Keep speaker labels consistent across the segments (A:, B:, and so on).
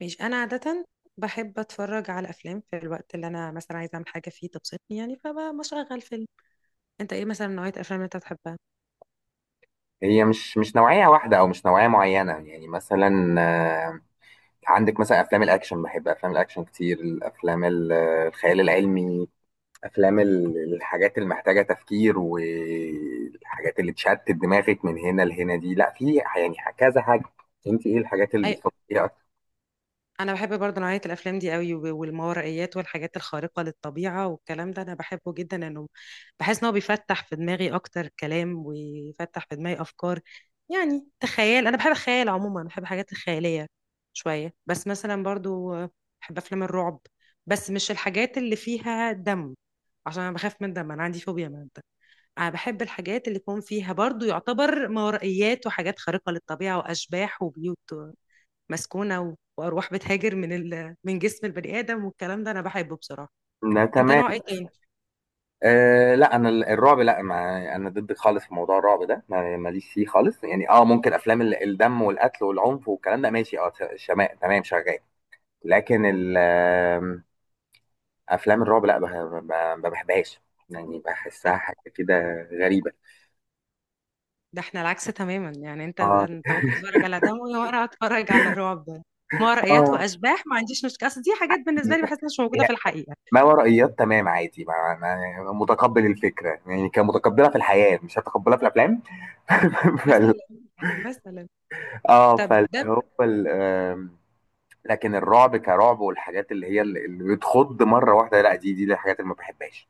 A: ماشي، انا عاده بحب اتفرج على افلام في الوقت اللي انا مثلا عايزه اعمل حاجه فيه تبسطني، يعني فبشغل فيلم. انت ايه مثلا نوعيه الافلام اللي انت بتحبها؟
B: هي مش نوعية واحدة أو مش نوعية معينة، يعني مثلا آه، عندك مثلا أفلام الأكشن. بحب أفلام الأكشن كتير. الأفلام الخيال العلمي، أفلام الحاجات اللي محتاجة تفكير، والحاجات اللي تشتت دماغك من هنا لهنا، دي لا، في يعني كذا حاجة. أنت إيه الحاجات اللي بتفكري فيها أكتر؟
A: انا بحب برضه نوعيه الافلام دي قوي والماورائيات والحاجات الخارقه للطبيعه والكلام ده انا بحبه جدا، انه بحس ان هو بيفتح في دماغي اكتر كلام ويفتح في دماغي افكار. يعني تخيل، انا بحب الخيال عموما، بحب الحاجات الخياليه شويه. بس مثلا برضه بحب افلام الرعب، بس مش الحاجات اللي فيها دم، عشان انا بخاف من الدم، انا عندي فوبيا من الدم. انا بحب الحاجات اللي يكون فيها برضه يعتبر ماورائيات وحاجات خارقه للطبيعه واشباح وبيوت مسكونة وأرواح بتهاجر من جسم البني آدم، والكلام ده أنا بحبه بصراحة.
B: لا،
A: أنت
B: تمام.
A: نوع إيه تاني؟
B: لا انا الرعب لا، ما انا ضد خالص في موضوع الرعب ده، ماليش فيه خالص، يعني اه ممكن افلام الدم والقتل والعنف والكلام ده ماشي، اه، شماء، تمام، شغال. لكن ال- آم، افلام الرعب لا، ما بحبهاش، يعني
A: ده,
B: بحسها حاجه كده غريبه.
A: ده إحنا العكس تماما، يعني أنت
B: اه.
A: أنت ممكن تتفرج على دم وأنا أتفرج على رعب، مرئيات
B: اه.
A: وأشباح، ما عنديش مشكلة، أصل دي حاجات
B: هي
A: بالنسبة لي بحس إنها مش موجودة في الحقيقة.
B: ما ورائيات تمام عادي، ما أنا متقبل الفكره، يعني كمتقبلها في الحياه مش هتقبلها في الافلام.
A: مثلا
B: فال...
A: مثلا
B: اه،
A: طب
B: فاللي
A: ده
B: هو ال... آم، لكن الرعب كرعب، والحاجات اللي هي اللي بتخض مره واحده لا، دي الحاجات اللي ما بحبهاش.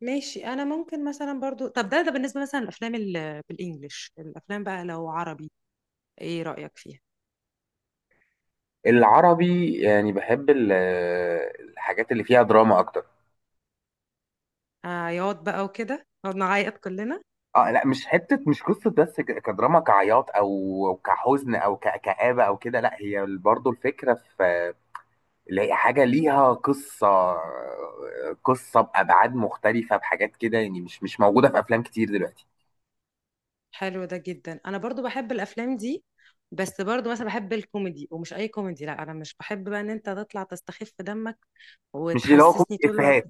A: ماشي، أنا ممكن مثلا برضو، طب ده بالنسبة مثلا بالإنجلش، الأفلام بقى لو عربي، إيه رأيك فيها؟
B: العربي يعني بحب الحاجات اللي فيها دراما اكتر.
A: عياط بقى وكده نقعد نعيط كلنا.
B: اه لا، مش حته مش قصه بس، كدراما كعياط او كحزن او كآبه او كده، لا هي برضو الفكره في اللي هي حاجه ليها قصه، قصه بابعاد مختلفه بحاجات كده، يعني مش موجوده في افلام كتير دلوقتي.
A: حلو ده جدا، انا برضو بحب الافلام دي. بس برضو مثلا بحب الكوميدي، ومش اي كوميدي، لا انا مش بحب بقى ان انت تطلع تستخف دمك
B: مش اللي هو
A: وتحسسني
B: كوميدي
A: طول الوقت.
B: افيهات.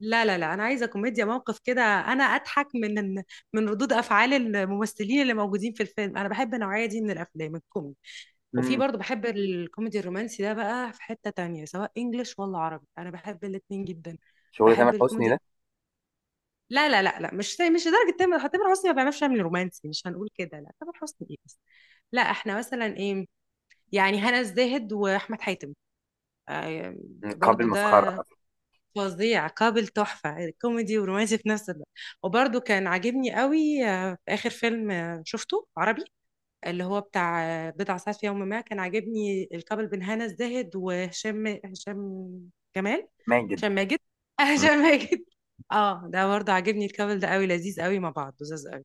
A: لا، لا، لا، انا عايزه كوميديا موقف كده، انا اضحك من ردود افعال الممثلين اللي موجودين في الفيلم، انا بحب النوعيه دي من الافلام الكوميدي. وفي
B: مم.
A: برضو بحب الكوميدي الرومانسي، ده بقى في حته تانية سواء انجليش ولا عربي، انا بحب الاتنين جدا.
B: شغل تامر
A: بحب
B: حسني
A: الكوميدي.
B: ده.
A: لا، لا، لا، لا، مش لدرجه تامر حسني ما بيعملش، يعمل رومانسي مش هنقول كده، لا تامر حسني ايه بس. لا احنا مثلا ايه، يعني هنا الزاهد واحمد حاتم، آه،
B: قابل
A: برضو
B: مسخره،
A: ده فظيع، قابل تحفه كوميدي ورومانسي في نفس الوقت. وبرضو كان عاجبني قوي، في اخر فيلم شفته عربي، اللي هو بتاع بضع ساعات في يوم ما، كان عاجبني الكابل بين هنا الزاهد وهشام هشام جمال
B: مان
A: هشام
B: جدا.
A: ماجد
B: مم.
A: هشام ماجد. اه ده برضه عاجبني الكابل ده قوي، لذيذ قوي مع بعض، لذيذ قوي.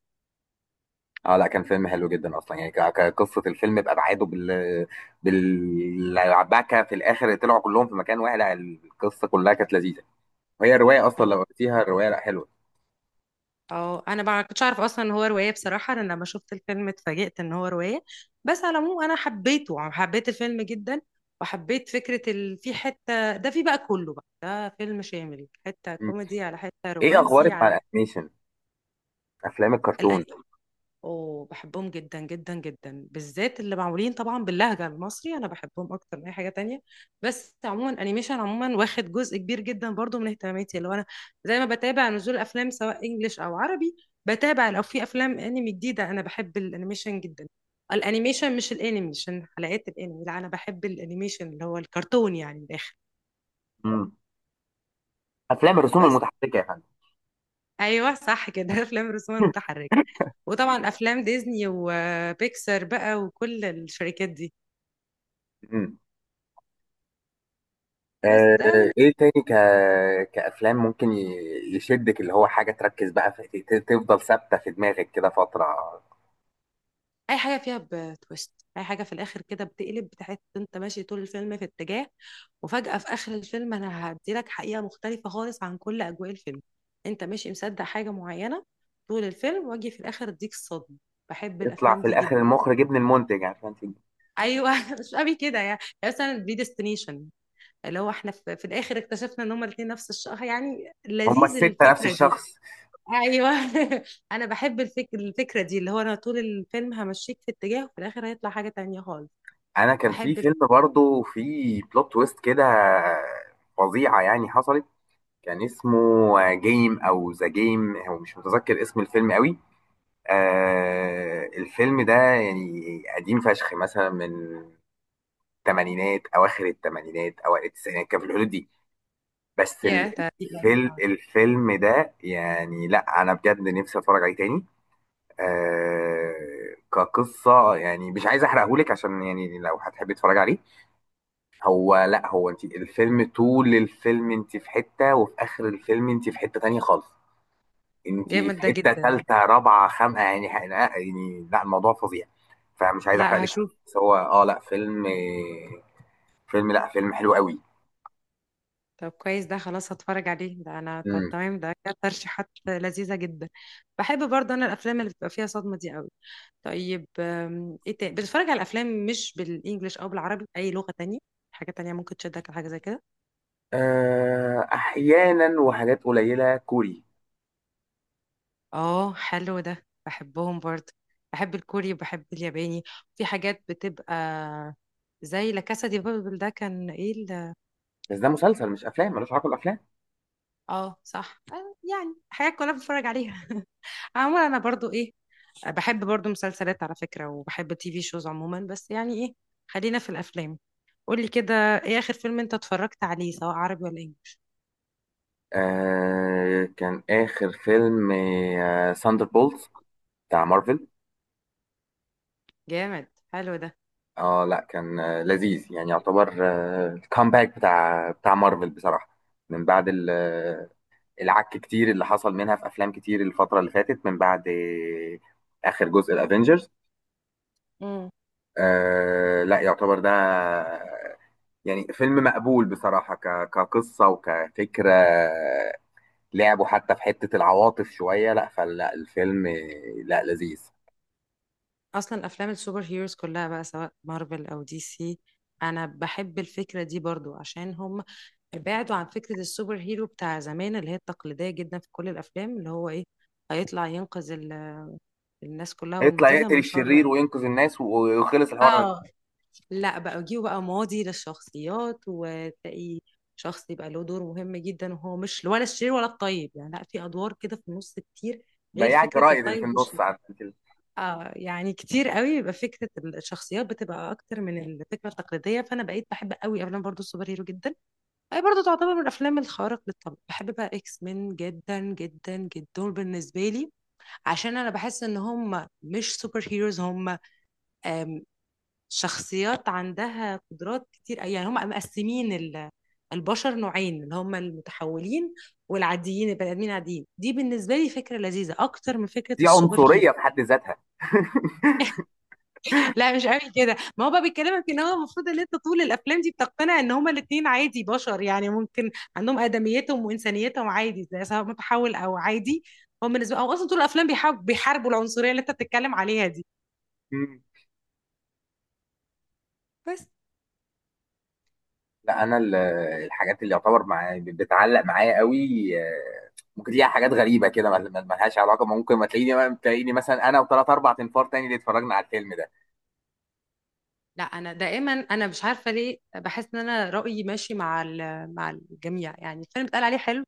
B: اه لا، كان فيلم حلو جدا اصلا، يعني كقصه الفيلم بابعاده، بال بالعباكه في الاخر طلعوا كلهم في مكان واحد، لا القصه كلها كانت لذيذه. وهي رواية أصلا،
A: حلو.
B: لو قريتيها الرواية لأ، حلوة.
A: اه انا ما كنتش اعرف اصلا ان هو روايه، بصراحه انا لما شفت الفيلم اتفاجئت ان هو روايه. بس على العموم انا حبيته، حبيت الفيلم جدا. وحبيت فكره في حته ده، في بقى كله، بقى ده فيلم شامل، حته
B: مم.
A: كوميدي على حته
B: إيه
A: رومانسي
B: أخبارك مع الأنيميشن؟ أفلام
A: الأن...
B: الكرتون.
A: اوه بحبهم جدا جدا جدا، بالذات اللي معمولين طبعا باللهجة المصري، انا بحبهم اكتر من اي حاجة تانية. بس عموما انيميشن عموما واخد جزء كبير جدا برضو من اهتماماتي، اللي هو انا زي ما بتابع نزول افلام سواء انجليش او عربي، بتابع لو في افلام انمي جديدة، انا بحب الانيميشن جدا. الانيميشن مش الانمي، عشان حلقات الانمي، لا انا بحب الانيميشن اللي هو الكرتون يعني من الاخر.
B: مم. أفلام الرسوم
A: بس
B: المتحركة يا فندم.
A: ايوه صح كده افلام الرسوم المتحركة. وطبعا افلام ديزني وبيكسار بقى وكل الشركات دي.
B: مم.
A: بس
B: آه،
A: ده
B: إيه
A: بالنسبة،
B: تاني كأفلام ممكن يشدك، اللي هو حاجة تركز بقى في... تفضل ثابتة في دماغك كده فترة.
A: اي حاجه فيها بتويست، اي حاجه في الاخر كده بتقلب، بتحس إن انت ماشي طول الفيلم في اتجاه، وفجاه في اخر الفيلم انا هديلك حقيقه مختلفه خالص عن كل اجواء الفيلم، انت ماشي مصدق حاجه معينه طول الفيلم، واجي في الاخر اديك الصدمه. بحب
B: يطلع
A: الافلام
B: في
A: دي
B: الآخر
A: جدا.
B: المخرج ابن المنتج عشان تجي.
A: ايوه مش قوي كده، يعني مثلا بريديستنيشن، اللي هو احنا في الاخر اكتشفنا ان هما الاثنين نفس الشخص، يعني
B: هما
A: لذيذ
B: الستة نفس
A: الفكره دي.
B: الشخص.
A: ايوه انا بحب الفكره دي، اللي هو انا طول الفيلم همشيك في اتجاه، وفي الاخر هيطلع حاجه تانية خالص.
B: أنا كان في
A: بحب الفكره.
B: فيلم برضو في بلوت تويست كده فظيعة يعني حصلت. كان اسمه جيم او ذا جيم، هو مش متذكر اسم الفيلم قوي. آه الفيلم ده يعني قديم فشخ، مثلا من الثمانينات، اواخر الثمانينات اوائل التسعينات، كان في الحدود دي. بس
A: يا ده دي يعني. آه.
B: الفيلم ده يعني، لا انا بجد نفسي اتفرج عليه تاني. آه كقصة يعني، مش عايز احرقهولك عشان يعني لو هتحبي تتفرجي عليه. هو لا هو انت الفيلم طول الفيلم انت في حتة، وفي اخر الفيلم انت في حتة تانية خالص، انتي في
A: جامد ده
B: حته
A: جدا.
B: ثالثه رابعه خامقه، يعني ح- لا يعني لا، الموضوع فظيع. فمش عايز احرق
A: لا
B: لك.
A: هشوف.
B: بس هو اه لا فيلم، فيلم لا فيلم حلو قوي.
A: طب كويس ده، خلاص هتفرج عليه ده انا، طب
B: امم.
A: تمام، ده كانت ترشيحات لذيذه جدا. بحب برضه انا الافلام اللي بتبقى فيها صدمه دي قوي. طيب، ايه تاني بتتفرج على الافلام مش بالانجلش او بالعربي، اي لغه تانية، حاجه تانية ممكن تشدك لحاجه زي كده؟
B: آه احيانا، وحاجات قليله كوري.
A: اه حلو ده بحبهم برضه. بحب الكوري وبحب الياباني. في حاجات بتبقى زي لا كاسا دي بابل، ده كان ايه
B: بس ده مسلسل مش افلام، ملوش علاقه بالافلام.
A: اه صح، يعني حاجات كلها بتفرج عليها. عموما انا برضو ايه، بحب برضو مسلسلات على فكرة، وبحب التي في شوز عموما، بس يعني ايه، خلينا في الافلام. قولي كده، ايه اخر فيلم انت اتفرجت عليه سواء عربي ولا انجليش؟
B: آه كان اخر فيلم آه ساندر بولز بتاع مارفل.
A: جامد، حلو ده.
B: اه لا كان آه لذيذ، يعني يعتبر آه الكامباك بتاع مارفل بصراحه، من بعد العك كتير اللي حصل منها في افلام كتير الفتره اللي فاتت، من بعد اخر جزء الافينجرز.
A: مم.
B: آه لا يعتبر ده يعني فيلم مقبول بصراحه، كقصه وكفكره، لعبوا حتى في حته العواطف شويه، لا فلا الفيلم لا لذيذ.
A: اصلا افلام السوبر هيروز كلها بقى سواء مارفل او دي سي، انا بحب الفكره دي برضو عشان هم بعدوا عن فكره السوبر هيرو بتاع زمان، اللي هي التقليديه جدا في كل الافلام، اللي هو ايه هيطلع ينقذ الناس كلها
B: يطلع
A: والمدينه
B: يقتل
A: من شر.
B: الشرير وينقذ الناس ويخلص الحوار ده.
A: اه لا بقى يجيبوا بقى ماضي للشخصيات وتلاقي شخص يبقى له دور مهم جدا، وهو مش ولا الشرير ولا الطيب، يعني لا في ادوار كده في النص كتير، غير
B: بياع
A: فكره
B: جرايد اللي في
A: الطيب.
B: النص، عارف كده.
A: اه يعني كتير قوي يبقى فكره الشخصيات بتبقى اكتر من الفكره التقليديه، فانا بقيت بحب قوي افلام برضو السوبر هيرو جدا. هي برضو تعتبر من الافلام الخارق للطبع. بحب بقى اكس مين جدا جدا جدا، دول بالنسبه لي عشان انا بحس ان هم مش سوبر هيروز، هم آم، شخصيات عندها قدرات كتير، يعني هم مقسمين البشر نوعين، اللي هم المتحولين والعاديين، البني ادمين عاديين، دي بالنسبه لي فكره لذيذه اكتر من فكره
B: دي
A: السوبر هيرو.
B: عنصريه في حد ذاتها.
A: لا مش قوي كده، ما هو بقى بيكلمك ان هو المفروض ان انت طول الافلام دي بتقتنع ان هما الاتنين عادي بشر، يعني ممكن عندهم ادميتهم وانسانيتهم عادي، زي سواء متحول او عادي. هو بالنسبه او اصلا طول الافلام بيحاربوا العنصريه اللي انت بتتكلم عليها دي. بس
B: لا انا الحاجات اللي يعتبر معايا بتعلق معايا قوي، آه، ممكن ليها حاجات غريبه كده، ملهاش علاقه، ممكن ما تلاقيني، تلاقيني مثلا انا وثلاث اربع تنفار تاني اللي اتفرجنا على الفيلم ده.
A: لا انا دائما، انا مش عارفه ليه بحس ان انا رايي ماشي مع الجميع، يعني الفيلم اتقال عليه حلو،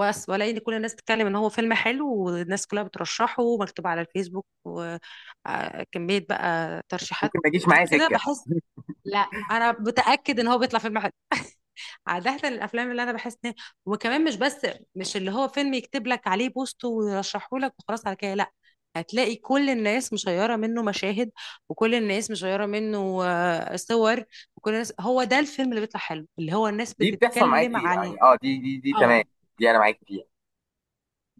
A: والاقي ان كل الناس بتتكلم ان هو فيلم حلو، والناس كلها بترشحه ومكتوب على الفيسبوك وكميه بقى ترشيحات
B: ممكن ما يجيش معايا
A: كده
B: سكه.
A: بحس. لا انا متاكد ان هو بيطلع فيلم حلو عاده الافلام اللي انا بحس ان، وكمان مش بس، مش اللي هو فيلم يكتب لك عليه بوست ويرشحه لك وخلاص على كده، لا، هتلاقي كل الناس مشيره منه مشاهد، وكل الناس مشيره منه صور، وكل الناس هو ده الفيلم اللي بيطلع حلو، اللي هو الناس
B: دي بتحصل معايا
A: بتتكلم
B: كتير
A: على.
B: يعني، اه دي تمام،
A: اه
B: دي انا معاك فيها.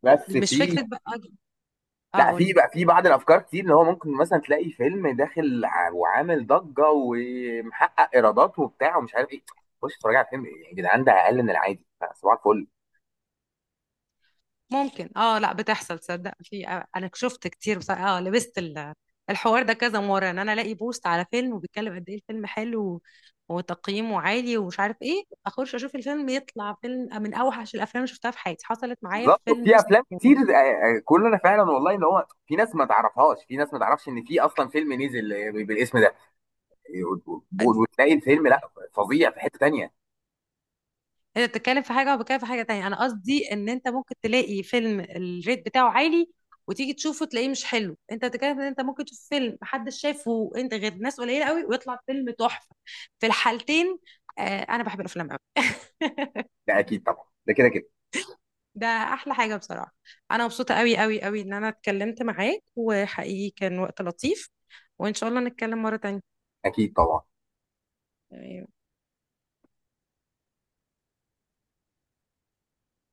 B: بس
A: مش
B: في،
A: فكره بقى. اه
B: لا
A: قولي.
B: في بقى في بعض الافكار كتير، اللي هو ممكن مثلا تلاقي فيلم داخل وعامل ضجه ومحقق ايرادات وبتاع ومش عارف ايه، خش اتفرج على الفيلم يا جدعان، ده اقل من العادي، صباح الفل.
A: ممكن، اه لا بتحصل، تصدق في انا شفت كتير، بس اه لبست الحوار ده كذا مرة، ان انا الاقي بوست على فيلم وبيتكلم قد ايه الفيلم حلو وتقييمه عالي ومش عارف ايه، اخش اشوف الفيلم يطلع فيلم من اوحش الافلام اللي شفتها في حياتي. حصلت معايا في
B: بالظبط
A: فيلم
B: في افلام
A: اسمه.
B: كتير، كلنا فعلا، والله ان هو في ناس ما تعرفهاش، في ناس ما تعرفش ان في اصلا فيلم نزل بالاسم ده، وتلاقي الفيلم لا فظيع في حتة تانية.
A: انت بتتكلم في حاجه وبتكلم في حاجه تانية، انا قصدي ان انت ممكن تلاقي فيلم الريت بتاعه عالي، وتيجي تشوفه تلاقيه مش حلو. انت بتتكلم ان انت ممكن تشوف فيلم محدش شافه انت غير ناس قليله قوي ويطلع فيلم تحفه، في الحالتين. انا بحب الافلام قوي
B: ده اكيد طبعا، ده كده كده.
A: ده احلى حاجه بصراحه. انا مبسوطه قوي قوي قوي ان انا اتكلمت معاك، وحقيقي كان وقت لطيف، وان شاء الله نتكلم مره تانية.
B: اكيد طبعا.